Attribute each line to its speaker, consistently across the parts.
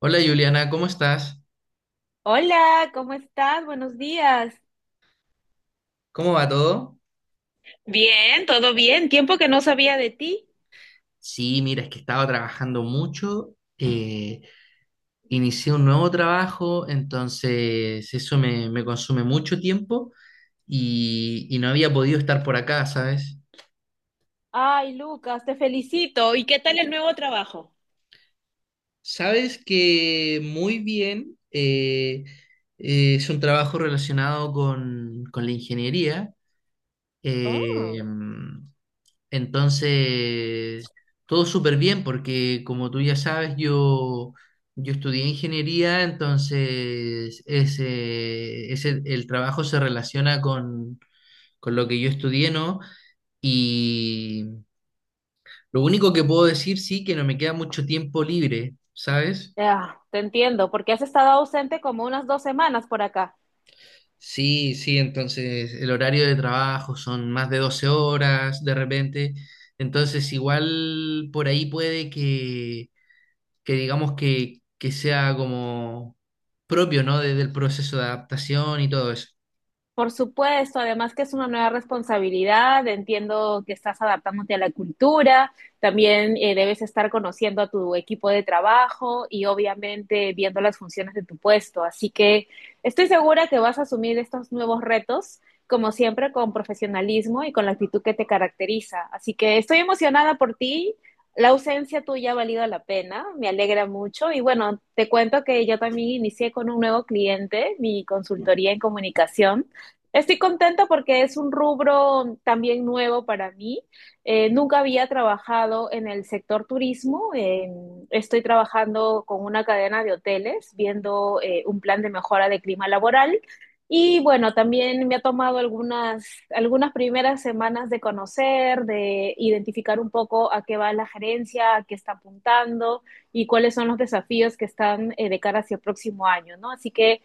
Speaker 1: Hola Juliana, ¿cómo estás?
Speaker 2: Hola, ¿cómo estás? Buenos días.
Speaker 1: ¿Cómo va todo?
Speaker 2: Bien, todo bien. Tiempo que no sabía de ti.
Speaker 1: Sí, mira, es que estaba trabajando mucho, inicié un nuevo trabajo, entonces eso me consume mucho tiempo y no había podido estar por acá, ¿sabes?
Speaker 2: Ay, Lucas, te felicito. ¿Y qué tal el nuevo trabajo?
Speaker 1: Sabes que muy bien, es un trabajo relacionado con la ingeniería. eh,
Speaker 2: Oh,
Speaker 1: Entonces, todo súper bien porque como tú ya sabes, yo estudié ingeniería, entonces el trabajo se relaciona con lo que yo estudié, ¿no? Y lo único que puedo decir, sí, que no me queda mucho tiempo libre, ¿sabes?
Speaker 2: ya, te entiendo, porque has estado ausente como unas 2 semanas por acá.
Speaker 1: Sí, sí, entonces el horario de trabajo son más de 12 horas de repente, entonces igual por ahí puede que que sea como propio, ¿no? Desde el proceso de adaptación y todo eso.
Speaker 2: Por supuesto, además que es una nueva responsabilidad, entiendo que estás adaptándote a la cultura, también debes estar conociendo a tu equipo de trabajo y obviamente viendo las funciones de tu puesto. Así que estoy segura que vas a asumir estos nuevos retos, como siempre, con profesionalismo y con la actitud que te caracteriza. Así que estoy emocionada por ti. La ausencia tuya ha valido la pena, me alegra mucho y bueno, te cuento que yo también inicié con un nuevo cliente, mi consultoría en comunicación. Estoy contenta porque es un rubro también nuevo para mí. Nunca había trabajado en el sector turismo. Estoy trabajando con una cadena de hoteles, viendo un plan de mejora de clima laboral. Y bueno, también me ha tomado algunas primeras semanas de conocer, de identificar un poco a qué va la gerencia, a qué está apuntando y cuáles son los desafíos que están de cara hacia el próximo año, ¿no? Así que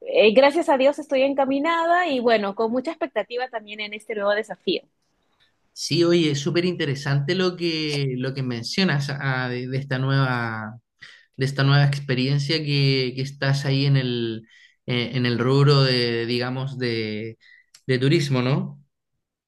Speaker 2: gracias a Dios estoy encaminada y bueno, con mucha expectativa también en este nuevo desafío.
Speaker 1: Sí, oye, es súper interesante lo que mencionas ah, de esta nueva experiencia que estás ahí en el rubro de, digamos, de turismo, ¿no?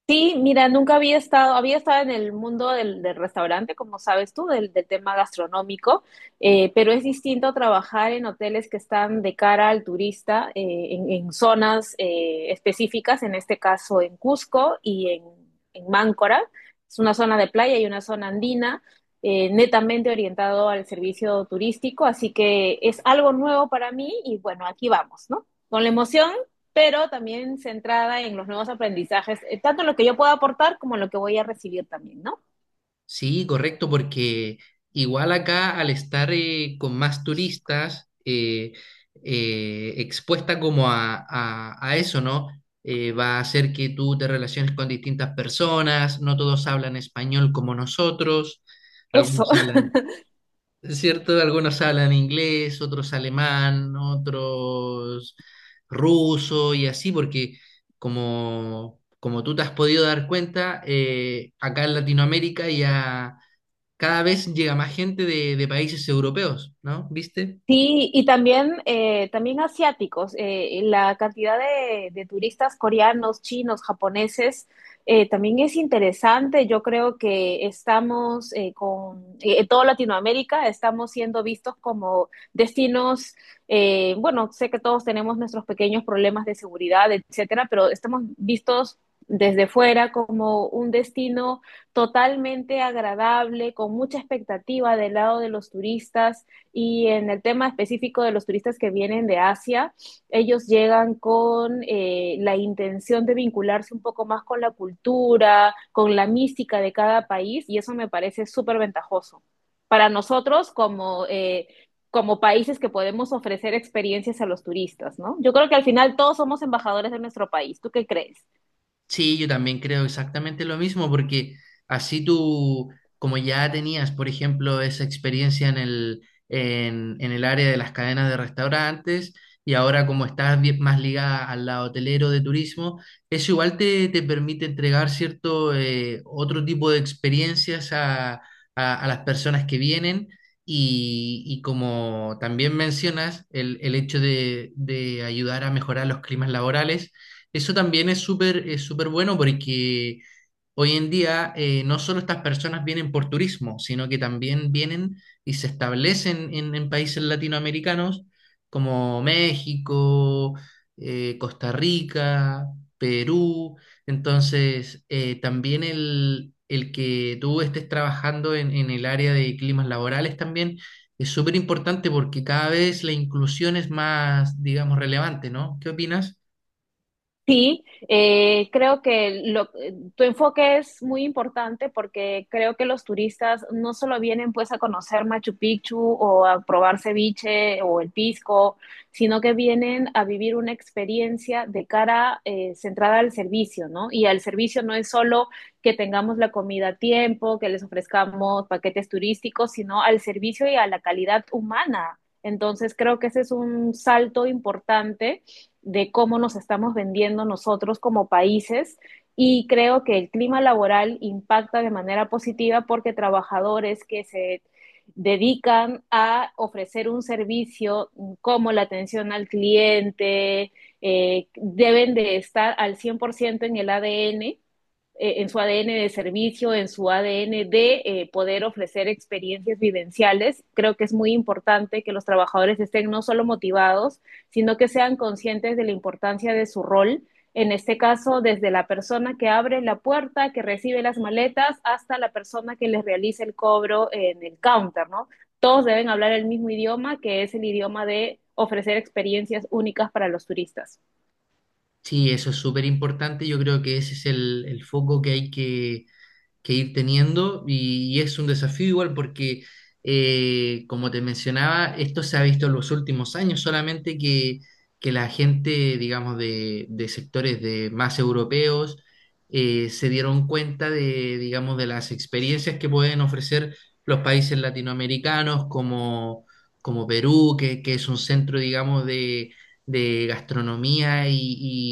Speaker 2: Sí, mira, nunca había estado en el mundo del restaurante, como sabes tú, del tema gastronómico, pero es distinto trabajar en hoteles que están de cara al turista, en zonas específicas, en este caso en Cusco y en Máncora. Es una zona de playa y una zona andina, netamente orientado al servicio turístico, así que es algo nuevo para mí y bueno, aquí vamos, ¿no? Con la emoción pero también centrada en los nuevos aprendizajes, tanto en lo que yo puedo aportar como en lo que voy a recibir también, ¿no?
Speaker 1: Sí, correcto, porque igual acá al estar con más turistas, expuesta como a, a eso, ¿no? Va a hacer que tú te relaciones con distintas personas, no todos hablan español como nosotros,
Speaker 2: Eso.
Speaker 1: algunos hablan, ¿cierto? Algunos hablan inglés, otros alemán, otros ruso y así, porque como tú te has podido dar cuenta, acá en Latinoamérica ya cada vez llega más gente de países europeos, ¿no? ¿Viste?
Speaker 2: Sí, y también asiáticos. La cantidad de turistas coreanos, chinos, japoneses, también es interesante. Yo creo que estamos con en toda Latinoamérica, estamos siendo vistos como destinos. Bueno, sé que todos tenemos nuestros pequeños problemas de seguridad, etcétera, pero estamos vistos desde fuera como un destino totalmente agradable, con mucha expectativa del lado de los turistas y en el tema específico de los turistas que vienen de Asia, ellos llegan con la intención de vincularse un poco más con la cultura, con la mística de cada país, y eso me parece súper ventajoso. Para nosotros, como países que podemos ofrecer experiencias a los turistas, ¿no? Yo creo que al final todos somos embajadores de nuestro país. ¿Tú qué crees?
Speaker 1: Sí, yo también creo exactamente lo mismo, porque así tú, como ya tenías, por ejemplo, esa experiencia en el, en el área de las cadenas de restaurantes, y ahora como estás más ligada al lado hotelero de turismo, eso igual te permite entregar cierto otro tipo de experiencias a, a las personas que vienen. Y como también mencionas, el hecho de ayudar a mejorar los climas laborales, eso también es súper bueno porque hoy en día no solo estas personas vienen por turismo, sino que también vienen y se establecen en países latinoamericanos como México, Costa Rica, Perú. Entonces, también el que tú estés trabajando en el área de climas laborales también es súper importante porque cada vez la inclusión es más, digamos, relevante, ¿no? ¿Qué opinas?
Speaker 2: Sí, creo que tu enfoque es muy importante porque creo que los turistas no solo vienen pues a conocer Machu Picchu o a probar ceviche o el pisco, sino que vienen a vivir una experiencia de cara centrada al servicio, ¿no? Y al servicio no es solo que tengamos la comida a tiempo, que les ofrezcamos paquetes turísticos, sino al servicio y a la calidad humana. Entonces creo que ese es un salto importante de cómo nos estamos vendiendo nosotros como países y creo que el clima laboral impacta de manera positiva porque trabajadores que se dedican a ofrecer un servicio como la atención al cliente, deben de estar al 100% en el ADN, en su ADN de servicio, en su ADN de poder ofrecer experiencias vivenciales. Creo que es muy importante que los trabajadores estén no solo motivados, sino que sean conscientes de la importancia de su rol, en este caso desde la persona que abre la puerta, que recibe las maletas, hasta la persona que les realiza el cobro en el counter, ¿no? Todos deben hablar el mismo idioma, que es el idioma de ofrecer experiencias únicas para los turistas.
Speaker 1: Sí, eso es súper importante. Yo creo que ese es el foco que hay que ir teniendo y es un desafío igual porque, como te mencionaba, esto se ha visto en los últimos años, solamente que la gente, digamos, de sectores de más europeos, se dieron cuenta de, digamos, de las experiencias que pueden ofrecer los países latinoamericanos como, como Perú, que es un centro, digamos, de gastronomía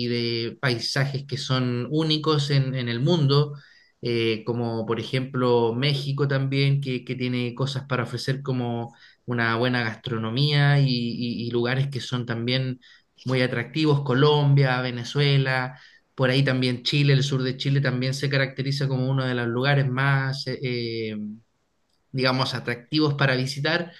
Speaker 1: y de paisajes que son únicos en el mundo, como por ejemplo México también, que tiene cosas para ofrecer como una buena gastronomía y, y lugares que son también muy atractivos, Colombia, Venezuela, por ahí también Chile, el sur de Chile también se caracteriza como uno de los lugares más, digamos, atractivos para visitar.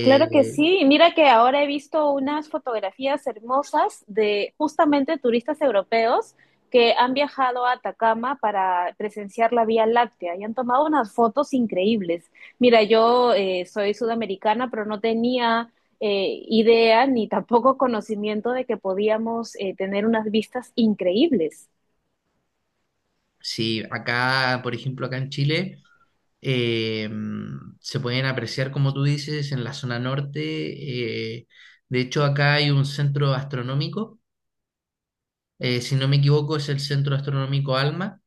Speaker 2: Claro que sí. Mira que ahora he visto unas fotografías hermosas de justamente turistas europeos que han viajado a Atacama para presenciar la Vía Láctea y han tomado unas fotos increíbles. Mira, yo soy sudamericana, pero no tenía idea ni tampoco conocimiento de que podíamos tener unas vistas increíbles.
Speaker 1: sí, acá, por ejemplo, acá en Chile. eh, Se pueden apreciar, como tú dices, en la zona norte. De hecho, acá hay un centro astronómico, si no me equivoco, es el Centro Astronómico ALMA,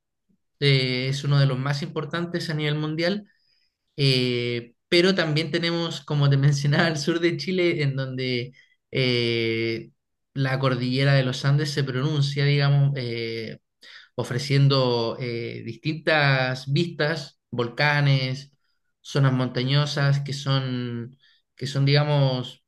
Speaker 1: es uno de los más importantes a nivel mundial, pero también tenemos, como te mencionaba, el sur de Chile, en donde eh, la cordillera de los Andes se pronuncia, digamos, ofreciendo distintas vistas, volcanes, zonas montañosas que son, digamos,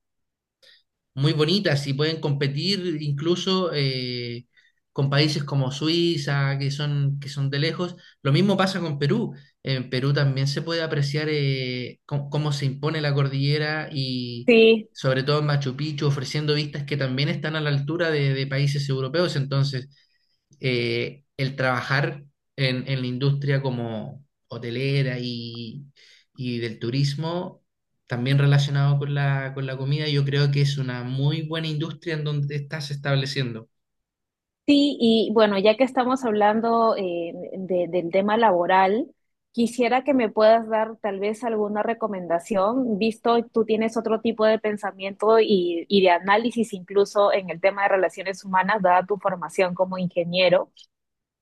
Speaker 1: muy bonitas y pueden competir incluso con países como Suiza, que son de lejos. Lo mismo pasa con Perú. En Perú también se puede apreciar cómo, cómo se impone la cordillera y
Speaker 2: Sí,
Speaker 1: sobre todo en Machu Picchu, ofreciendo vistas que también están a la altura de países europeos. Entonces, el trabajar en la industria como hotelera y del turismo, también relacionado con la comida, yo creo que es una muy buena industria en donde te estás estableciendo.
Speaker 2: sí, y bueno, ya que estamos hablando del tema laboral, quisiera que me puedas dar tal vez alguna recomendación, visto tú tienes otro tipo de pensamiento y de análisis incluso en el tema de relaciones humanas, dada tu formación como ingeniero.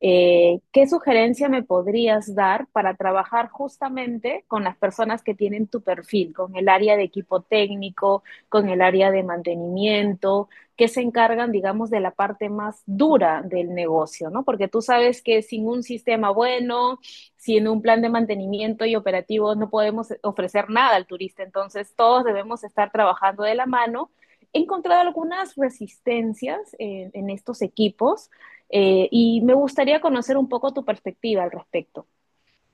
Speaker 2: ¿Qué sugerencia me podrías dar para trabajar justamente con las personas que tienen tu perfil, con el área de equipo técnico, con el área de mantenimiento, que se encargan, digamos, de la parte más dura del negocio, ¿no? Porque tú sabes que sin un sistema bueno, sin un plan de mantenimiento y operativo, no podemos ofrecer nada al turista. Entonces, todos debemos estar trabajando de la mano. He encontrado algunas resistencias en estos equipos, y me gustaría conocer un poco tu perspectiva al respecto.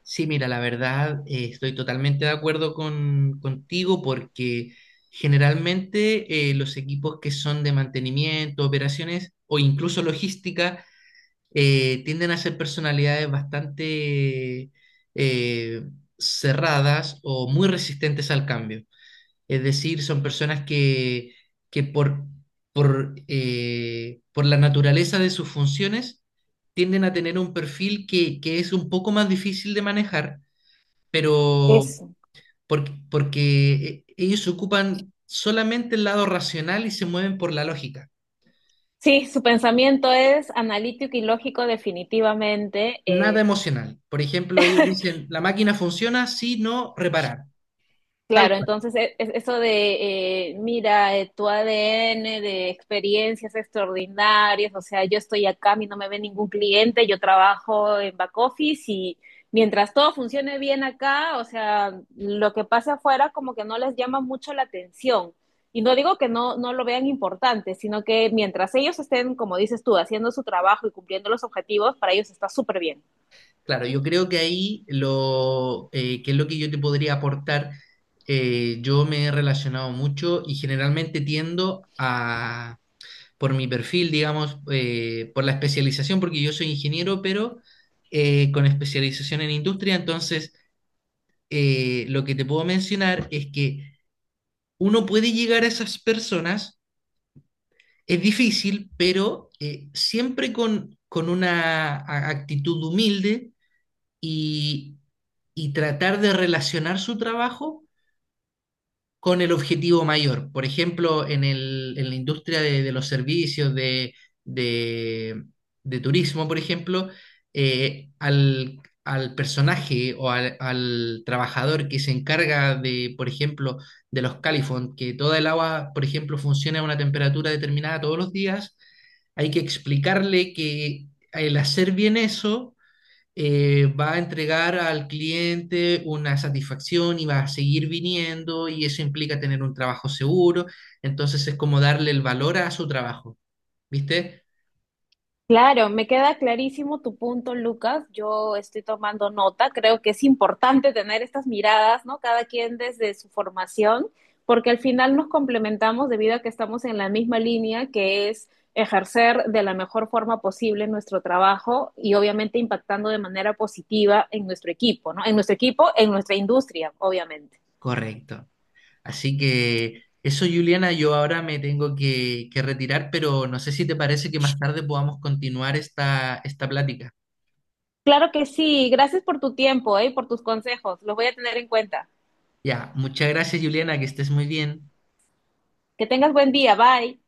Speaker 1: Sí, mira, la verdad, estoy totalmente de acuerdo con, contigo porque generalmente los equipos que son de mantenimiento, operaciones o incluso logística, tienden a ser personalidades bastante eh, cerradas o muy resistentes al cambio. Es decir, son personas que por, por la naturaleza de sus funciones tienden a tener un perfil que es un poco más difícil de manejar, pero
Speaker 2: Eso.
Speaker 1: porque, porque ellos ocupan solamente el lado racional y se mueven por la lógica.
Speaker 2: Sí, su pensamiento es analítico y lógico definitivamente.
Speaker 1: Nada emocional. Por ejemplo, ellos dicen, la máquina funciona si no reparar. Tal
Speaker 2: Claro,
Speaker 1: cual.
Speaker 2: entonces eso de, mira, tu ADN de experiencias extraordinarias, o sea, yo estoy acá, a mí no me ve ningún cliente, yo trabajo en back office y mientras todo funcione bien acá, o sea, lo que pase afuera como que no les llama mucho la atención. Y no digo que no lo vean importante, sino que mientras ellos estén, como dices tú, haciendo su trabajo y cumpliendo los objetivos, para ellos está súper bien.
Speaker 1: Claro, yo creo que ahí lo que es lo que yo te podría aportar, yo me he relacionado mucho y generalmente tiendo a, por mi perfil, digamos, por la especialización, porque yo soy ingeniero, pero con especialización en industria, entonces lo que te puedo mencionar es que uno puede llegar a esas personas. Es difícil, pero siempre con una actitud humilde y, y tratar de relacionar su trabajo con el objetivo mayor. Por ejemplo, en en la industria de los servicios de, de- de turismo, por ejemplo, al, al personaje o al, al trabajador que se encarga de, por ejemplo, de los califón, que toda el agua, por ejemplo, funcione a una temperatura determinada todos los días, hay que explicarle que el hacer bien eso va a entregar al cliente una satisfacción y va a seguir viniendo y eso implica tener un trabajo seguro. Entonces es como darle el valor a su trabajo, ¿viste?
Speaker 2: Claro, me queda clarísimo tu punto, Lucas. Yo estoy tomando nota. Creo que es importante tener estas miradas, ¿no? Cada quien desde su formación, porque al final nos complementamos debido a que estamos en la misma línea, que es ejercer de la mejor forma posible nuestro trabajo y obviamente impactando de manera positiva en nuestro equipo, ¿no? En nuestro equipo, en nuestra industria, obviamente.
Speaker 1: Correcto. Así que eso, Juliana, yo ahora me tengo que retirar, pero no sé si te parece que más tarde podamos continuar esta, esta plática.
Speaker 2: Claro que sí. Gracias por tu tiempo, ¿eh? Por tus consejos. Los voy a tener en cuenta.
Speaker 1: Ya, muchas gracias, Juliana, que estés muy bien.
Speaker 2: Que tengas buen día. Bye.